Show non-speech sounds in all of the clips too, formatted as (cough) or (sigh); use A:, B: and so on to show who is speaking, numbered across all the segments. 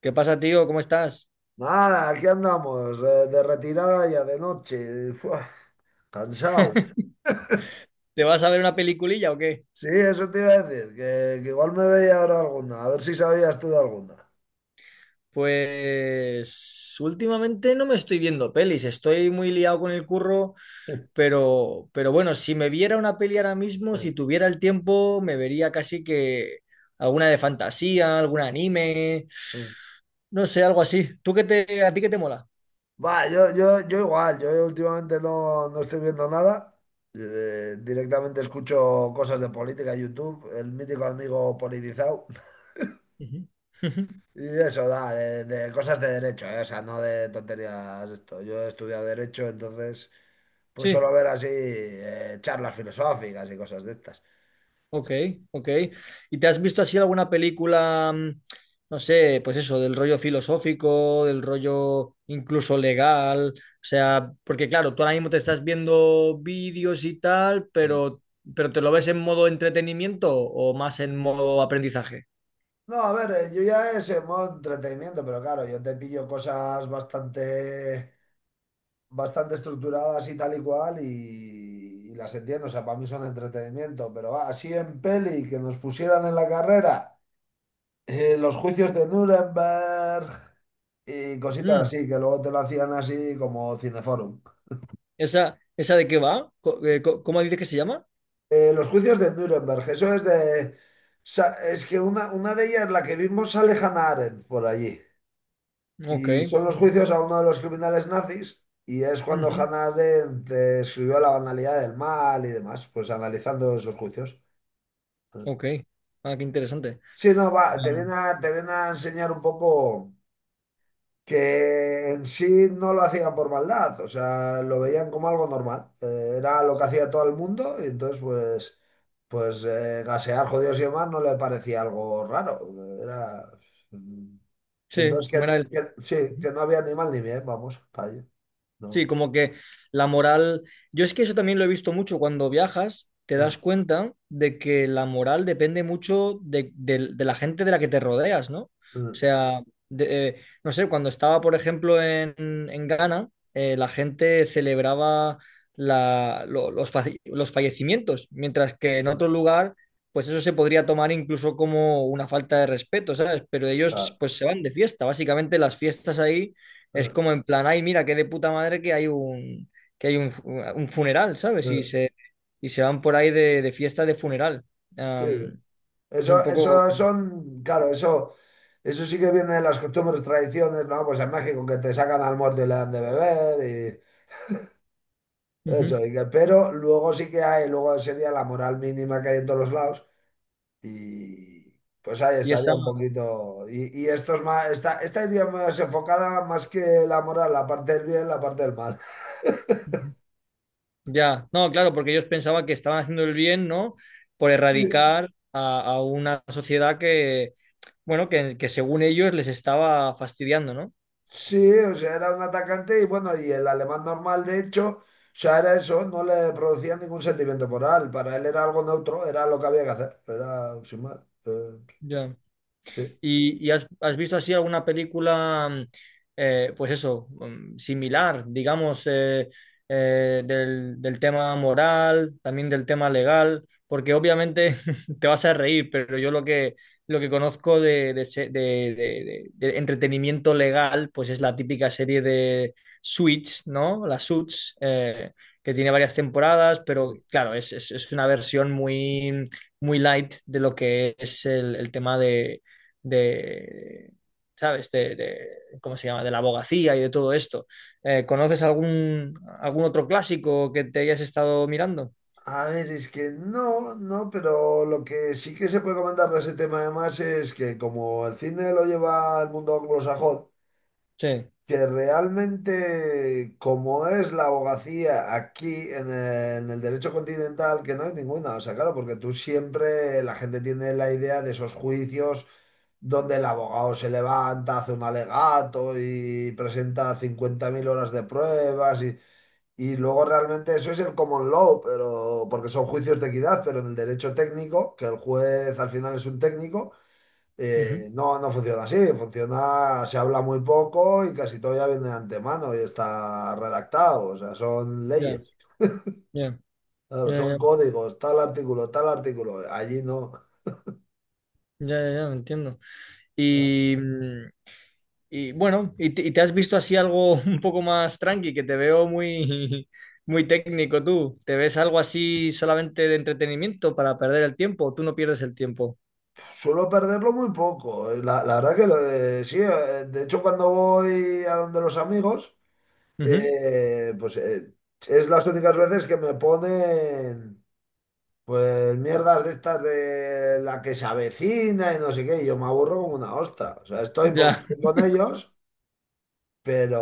A: ¿Qué pasa, tío? ¿Cómo estás?
B: Nada, aquí andamos, de retirada ya de noche, (laughs) Fua, cansado.
A: (laughs) ¿Te vas a ver una peliculilla o qué?
B: Sí, eso te iba a decir, que igual me veía ahora alguna, a ver si sabías tú de alguna.
A: Pues últimamente no me estoy viendo pelis, estoy muy liado con el curro,
B: (laughs)
A: pero bueno, si me viera una peli ahora mismo, si tuviera el tiempo, me vería casi que alguna de fantasía, algún anime, no sé, algo así. ¿Tú qué te, a ti qué te mola?
B: Va, yo igual, yo últimamente no estoy viendo nada, directamente escucho cosas de política, YouTube, el mítico amigo politizado.
A: Ujú. (laughs)
B: Y eso da, de cosas de derecho, ¿eh? O sea, no de tonterías esto. Yo he estudiado derecho, entonces, pues
A: Sí.
B: solo ver así charlas filosóficas y cosas de estas.
A: Ok, ok. ¿Y te has visto así alguna película, no sé, pues eso, del rollo filosófico, del rollo incluso legal? O sea, porque claro, tú ahora mismo te estás viendo vídeos y tal,
B: Mm.
A: pero, ¿pero te lo ves en modo entretenimiento o más en modo aprendizaje?
B: No, a ver, yo ya es en modo entretenimiento, pero claro, yo te pillo cosas bastante estructuradas y tal y cual y las entiendo, o sea, para mí son entretenimiento, pero va, así en peli que nos pusieran en la carrera. Los juicios de Nuremberg y cositas
A: Mm.
B: así, que luego te lo hacían así como Cineforum.
A: ¿Esa de qué va? ¿Cómo dices que se llama?
B: Los juicios de Nuremberg, eso es de es que una de ellas, la que vimos, sale Hannah Arendt por allí.
A: Ok.
B: Y son los
A: Mm,
B: juicios a uno de los criminales nazis y es cuando
A: ujú,
B: Hannah Arendt escribió La banalidad del mal y demás, pues analizando esos juicios.
A: ok. Ah, qué interesante.
B: Sí, no, va,
A: Ah,
B: te viene a enseñar un poco, que en sí no lo hacían por maldad, o sea, lo veían como algo normal. Era lo que hacía todo el mundo y entonces pues gasear jodidos y demás no le parecía algo raro. Era. mm, Y
A: sí,
B: entonces
A: ¿cómo era él?
B: sí, que no había ni mal ni bien, vamos, para allí.
A: Sí,
B: No.
A: como que la moral, yo es que eso también lo he visto mucho cuando viajas, te
B: Eh,
A: das cuenta de que la moral depende mucho de la gente de la que te rodeas, ¿no? O
B: eh,
A: sea, de- eh, no sé, cuando estaba, por ejemplo, en Ghana, la gente celebraba los fallecimientos, mientras que en
B: eh,
A: otro lugar, pues eso se podría tomar incluso como una falta de respeto, ¿sabes? Pero ellos
B: claro,
A: pues se van de fiesta, básicamente las fiestas ahí es
B: eh,
A: como en plan, ay, mira, qué de puta madre que hay un funeral, ¿sabes?
B: eh,
A: Y se van por ahí de fiesta de funeral.
B: sí.
A: Am, es un
B: Eso,
A: poco...
B: eso son, claro, eso. Eso sí que viene de las costumbres, tradiciones, ¿no? Pues en México que te sacan al muerto y le dan de beber.
A: Ujú.
B: Eso, pero luego sí que hay, luego sería la moral mínima que hay en todos los lados y pues ahí
A: Y
B: estaría
A: esa...
B: un poquito. Y esto es más, esta iría más enfocada más que la moral, la parte del bien, la parte del mal.
A: Ujú. Ya, no, claro, porque ellos pensaban que estaban haciendo el bien, ¿no? Por
B: Sí.
A: erradicar a una sociedad que, bueno, que según ellos les estaba fastidiando, ¿no?
B: Sí, o sea, era un atacante y bueno, y el alemán normal, de hecho, o sea, era eso, no le producía ningún sentimiento moral, para él era algo neutro, era lo que había que hacer, era sin más. eh,
A: Ya.
B: sí.
A: Y has, has visto así alguna película, pues eso, similar, digamos, del tema moral, también del tema legal? Porque obviamente (laughs) te vas a reír, pero yo lo que conozco de, de entretenimiento legal, pues es la típica serie de Suits, ¿no? La Suits, que tiene varias temporadas, pero claro, es, es una versión muy, muy light de lo que es el tema de, ¿sabes? ¿Cómo se llama? De la abogacía y de todo esto. ¿Conoces algún, algún otro clásico que te hayas estado mirando?
B: A ver, es que no, pero lo que sí que se puede comentar de ese tema además es que como el cine lo lleva el mundo anglosajón,
A: Sí.
B: que realmente como es la abogacía aquí en el derecho continental, que no hay ninguna, o sea, claro, porque tú siempre la gente tiene la idea de esos juicios donde el abogado se levanta, hace un alegato y presenta 50.000 horas de pruebas y luego realmente eso es el common law, pero porque son juicios de equidad, pero en el derecho técnico, que el juez al final es un técnico,
A: Ujú.
B: no funciona así. Funciona, se habla muy poco y casi todo ya viene de antemano y está redactado. O sea, son
A: Ya,
B: leyes.
A: ya,
B: Claro,
A: ya,
B: son
A: ya,
B: códigos, tal artículo, tal artículo. Allí no.
A: ya, ya, ya, entiendo. Y, y bueno, y te has visto así algo (laughs) un poco más tranqui, que te veo muy, (laughs) muy técnico tú. ¿Te ves algo así solamente de entretenimiento para perder el tiempo? ¿O tú no pierdes el tiempo?
B: Suelo perderlo muy poco. La verdad que sí, de hecho cuando voy a donde los amigos.
A: Ujú.
B: Pues es las únicas veces que me ponen pues mierdas de estas de la que se avecina y no sé qué, y yo me aburro como una ostra. O sea, estoy porque
A: Ya,
B: estoy con ellos, pero,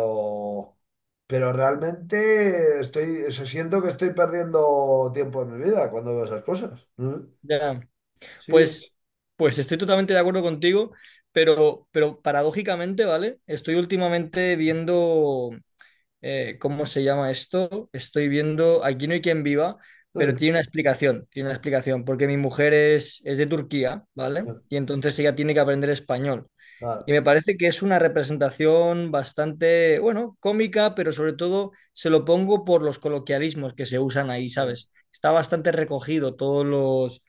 B: realmente estoy, o sea, siento que estoy perdiendo tiempo en mi vida cuando veo esas cosas. Mm.
A: ya.
B: Sí,
A: Pues,
B: es- Mm.
A: pues estoy totalmente de acuerdo contigo, pero paradójicamente, ¿vale? Estoy últimamente viendo, ¿cómo se llama esto? Estoy viendo Aquí no hay quien viva, pero
B: Mm.
A: tiene una explicación, porque mi mujer es de Turquía, ¿vale?
B: Mm,
A: Y entonces ella tiene que aprender español. Y
B: claro.
A: me parece que es una representación bastante, bueno, cómica, pero sobre todo se lo pongo por los coloquialismos que se usan ahí,
B: Mm.
A: ¿sabes? Está bastante recogido todos los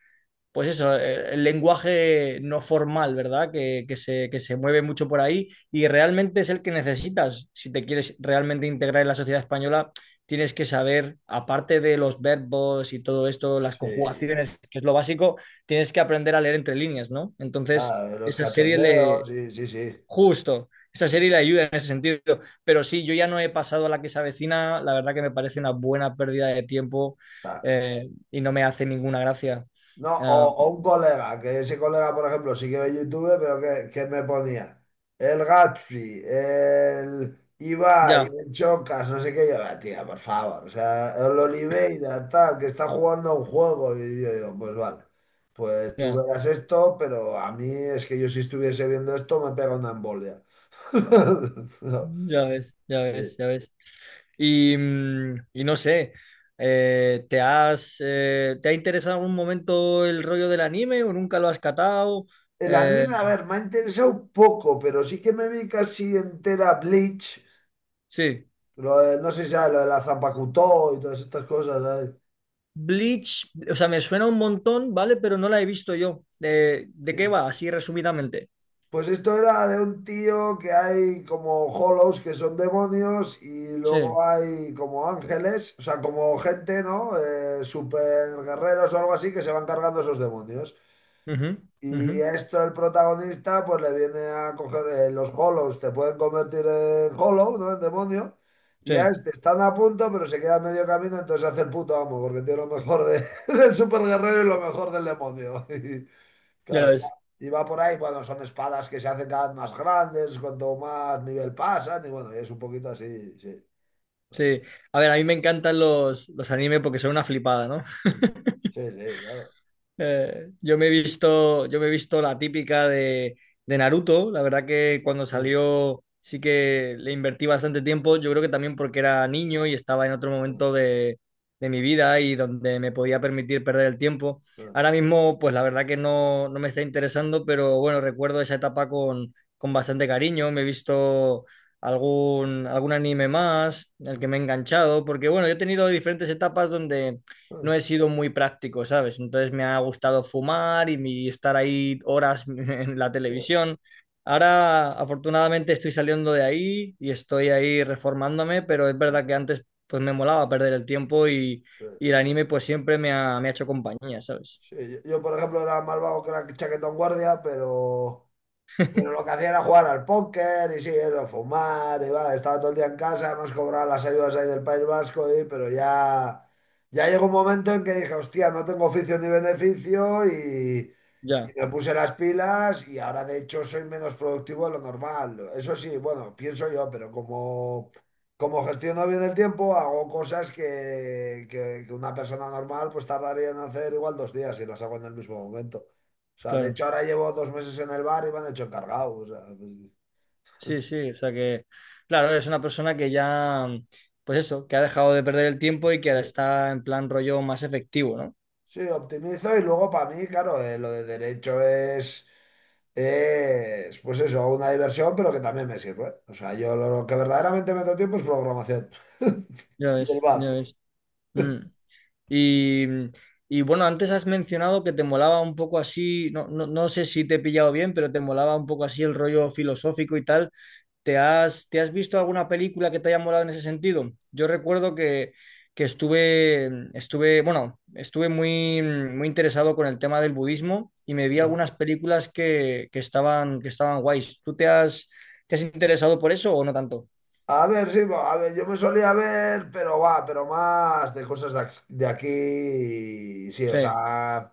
A: pues eso, el lenguaje no formal, ¿verdad? Que se mueve mucho por ahí y realmente es el que necesitas. Si te quieres realmente integrar en la sociedad española, tienes que saber, aparte de los verbos y todo esto, las
B: Sí,
A: conjugaciones, que es lo básico, tienes que aprender a leer entre líneas, ¿no? Entonces,
B: claro, los
A: esa serie
B: cachondeos.
A: le...
B: Sí, sí, sí.
A: Justo, esa serie le ayuda en ese sentido. Pero sí, yo ya no he pasado a la que se avecina, la verdad que me parece una buena pérdida de tiempo y no me hace ninguna gracia.
B: No, o,
A: Ah,
B: o un colega, que ese colega, por ejemplo, sí que ve YouTube, pero que me ponía el Gatsby, el Ibai,
A: ya,
B: el Chocas, no sé qué, yo, "Ah, tía, por favor, o sea, el Oliveira, tal, que está jugando a un juego", y yo digo, pues vale, pues tú
A: ya,
B: verás esto, pero a mí es que yo si estuviese viendo esto me pega una embolia. (laughs) No,
A: ya ves, ya
B: sí.
A: ves, ya ves. Y, y no sé, ¿te has, ¿te ha interesado en algún momento el rollo del anime o nunca lo has catado?
B: El
A: Eh,
B: anime, a ver, me ha interesado un poco, pero sí que me vi casi entera Bleach.
A: sí,
B: Lo de, no sé si sabes, lo de la Zapacutó y todas estas cosas, ¿sabes?
A: Bleach, o sea, me suena un montón, ¿vale? Pero no la he visto yo. De qué
B: Sí.
A: va? Así resumidamente.
B: Pues esto era de un tío que hay como hollows que son demonios y
A: Sí,
B: luego hay como ángeles, o sea, como gente, ¿no? Super guerreros o algo así que se van cargando esos demonios.
A: ujú, ujú,
B: Y esto el protagonista pues le viene a coger los hollows, te pueden convertir en hollow, ¿no? En demonio. Y a
A: sí,
B: este están a punto, pero se queda a medio camino, entonces hace el puto amo, porque tiene lo mejor de (laughs) del super guerrero y lo mejor del demonio. (laughs) Y,
A: ya
B: claro,
A: ves.
B: y va por ahí, bueno, son espadas que se hacen cada vez más grandes, cuanto más nivel pasan, y bueno, es un poquito así, sí.
A: Sí, a ver, a mí me encantan los animes porque son una flipada, ¿no?
B: Sí, sí, claro.
A: Yo me he visto, yo me he visto la típica de Naruto. La verdad que cuando salió sí que le invertí bastante tiempo. Yo creo que también porque era niño y estaba en otro
B: Sí,
A: momento de mi vida y donde me podía permitir perder el tiempo. Ahora mismo, pues la verdad que no, no me está interesando, pero bueno, recuerdo esa etapa con bastante cariño. Me he visto algún, algún anime más, el que me he enganchado, porque bueno, yo he tenido diferentes etapas donde no he sido muy práctico, ¿sabes? Entonces me ha gustado fumar y estar ahí horas (laughs) en la
B: sí,
A: televisión. Ahora, afortunadamente, estoy saliendo de ahí y estoy ahí reformándome, pero es verdad que antes pues me molaba perder el tiempo
B: sí.
A: y el anime pues siempre me ha hecho compañía, ¿sabes?
B: Sí, yo, por ejemplo, era más vago que la chaquetón guardia, pero, lo que hacía era jugar al póker y sí, eso, fumar y vale estaba todo el día en casa, además cobraba las ayudas ahí del País Vasco, y pero ya, ya llegó un momento en que dije, hostia, no tengo oficio ni beneficio y
A: Ya,
B: me puse las pilas y ahora de hecho soy menos productivo de lo normal. Eso sí, bueno, pienso yo, pero como gestiono bien el tiempo, hago cosas que una persona normal pues tardaría en hacer igual 2 días y las hago en el mismo momento. O sea, de
A: claro.
B: hecho ahora llevo 2 meses en el bar y me han hecho encargado. O sea, pues,
A: Sí, sí, o sea que, claro, eres una persona que ya, pues eso, que ha dejado de perder el tiempo y que
B: sí,
A: ahora está en plan rollo más efectivo, ¿no?
B: sí, optimizo y luego para mí, claro, lo de derecho es, pues eso, una diversión, pero que también me sirve. O sea, yo lo que verdaderamente meto tiempo es programación (laughs)
A: Ya
B: y el
A: ves, ya
B: bar.
A: ves. Mm. Y, y bueno, antes has mencionado que te molaba un poco así, no, no, no sé si te he pillado bien, pero te molaba un poco así el rollo filosófico y tal. Te has visto alguna película que te haya molado en ese sentido? Yo recuerdo que estuve, estuve, bueno, estuve muy, muy interesado con el tema del budismo y me vi
B: Ah.
A: algunas películas que estaban guays. ¿Tú te has interesado por eso o no tanto?
B: A ver, sí, a ver, yo me solía ver, pero va, pero más de cosas de aquí, sí, o
A: Sí,
B: sea,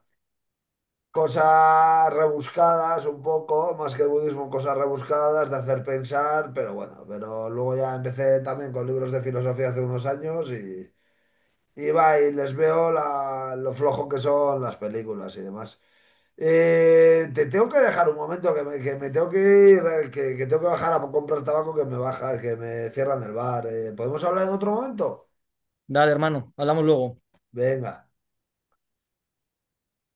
B: cosas rebuscadas un poco, más que budismo, cosas rebuscadas de hacer pensar, pero bueno, pero luego ya empecé también con libros de filosofía hace unos años y va, y les veo la lo flojo que son las películas y demás. Te tengo que dejar un momento que me tengo que ir, que tengo que bajar a comprar tabaco que me baja, que me cierran el bar. ¿Podemos hablar en otro momento?
A: dale, hermano, hablamos luego.
B: Venga.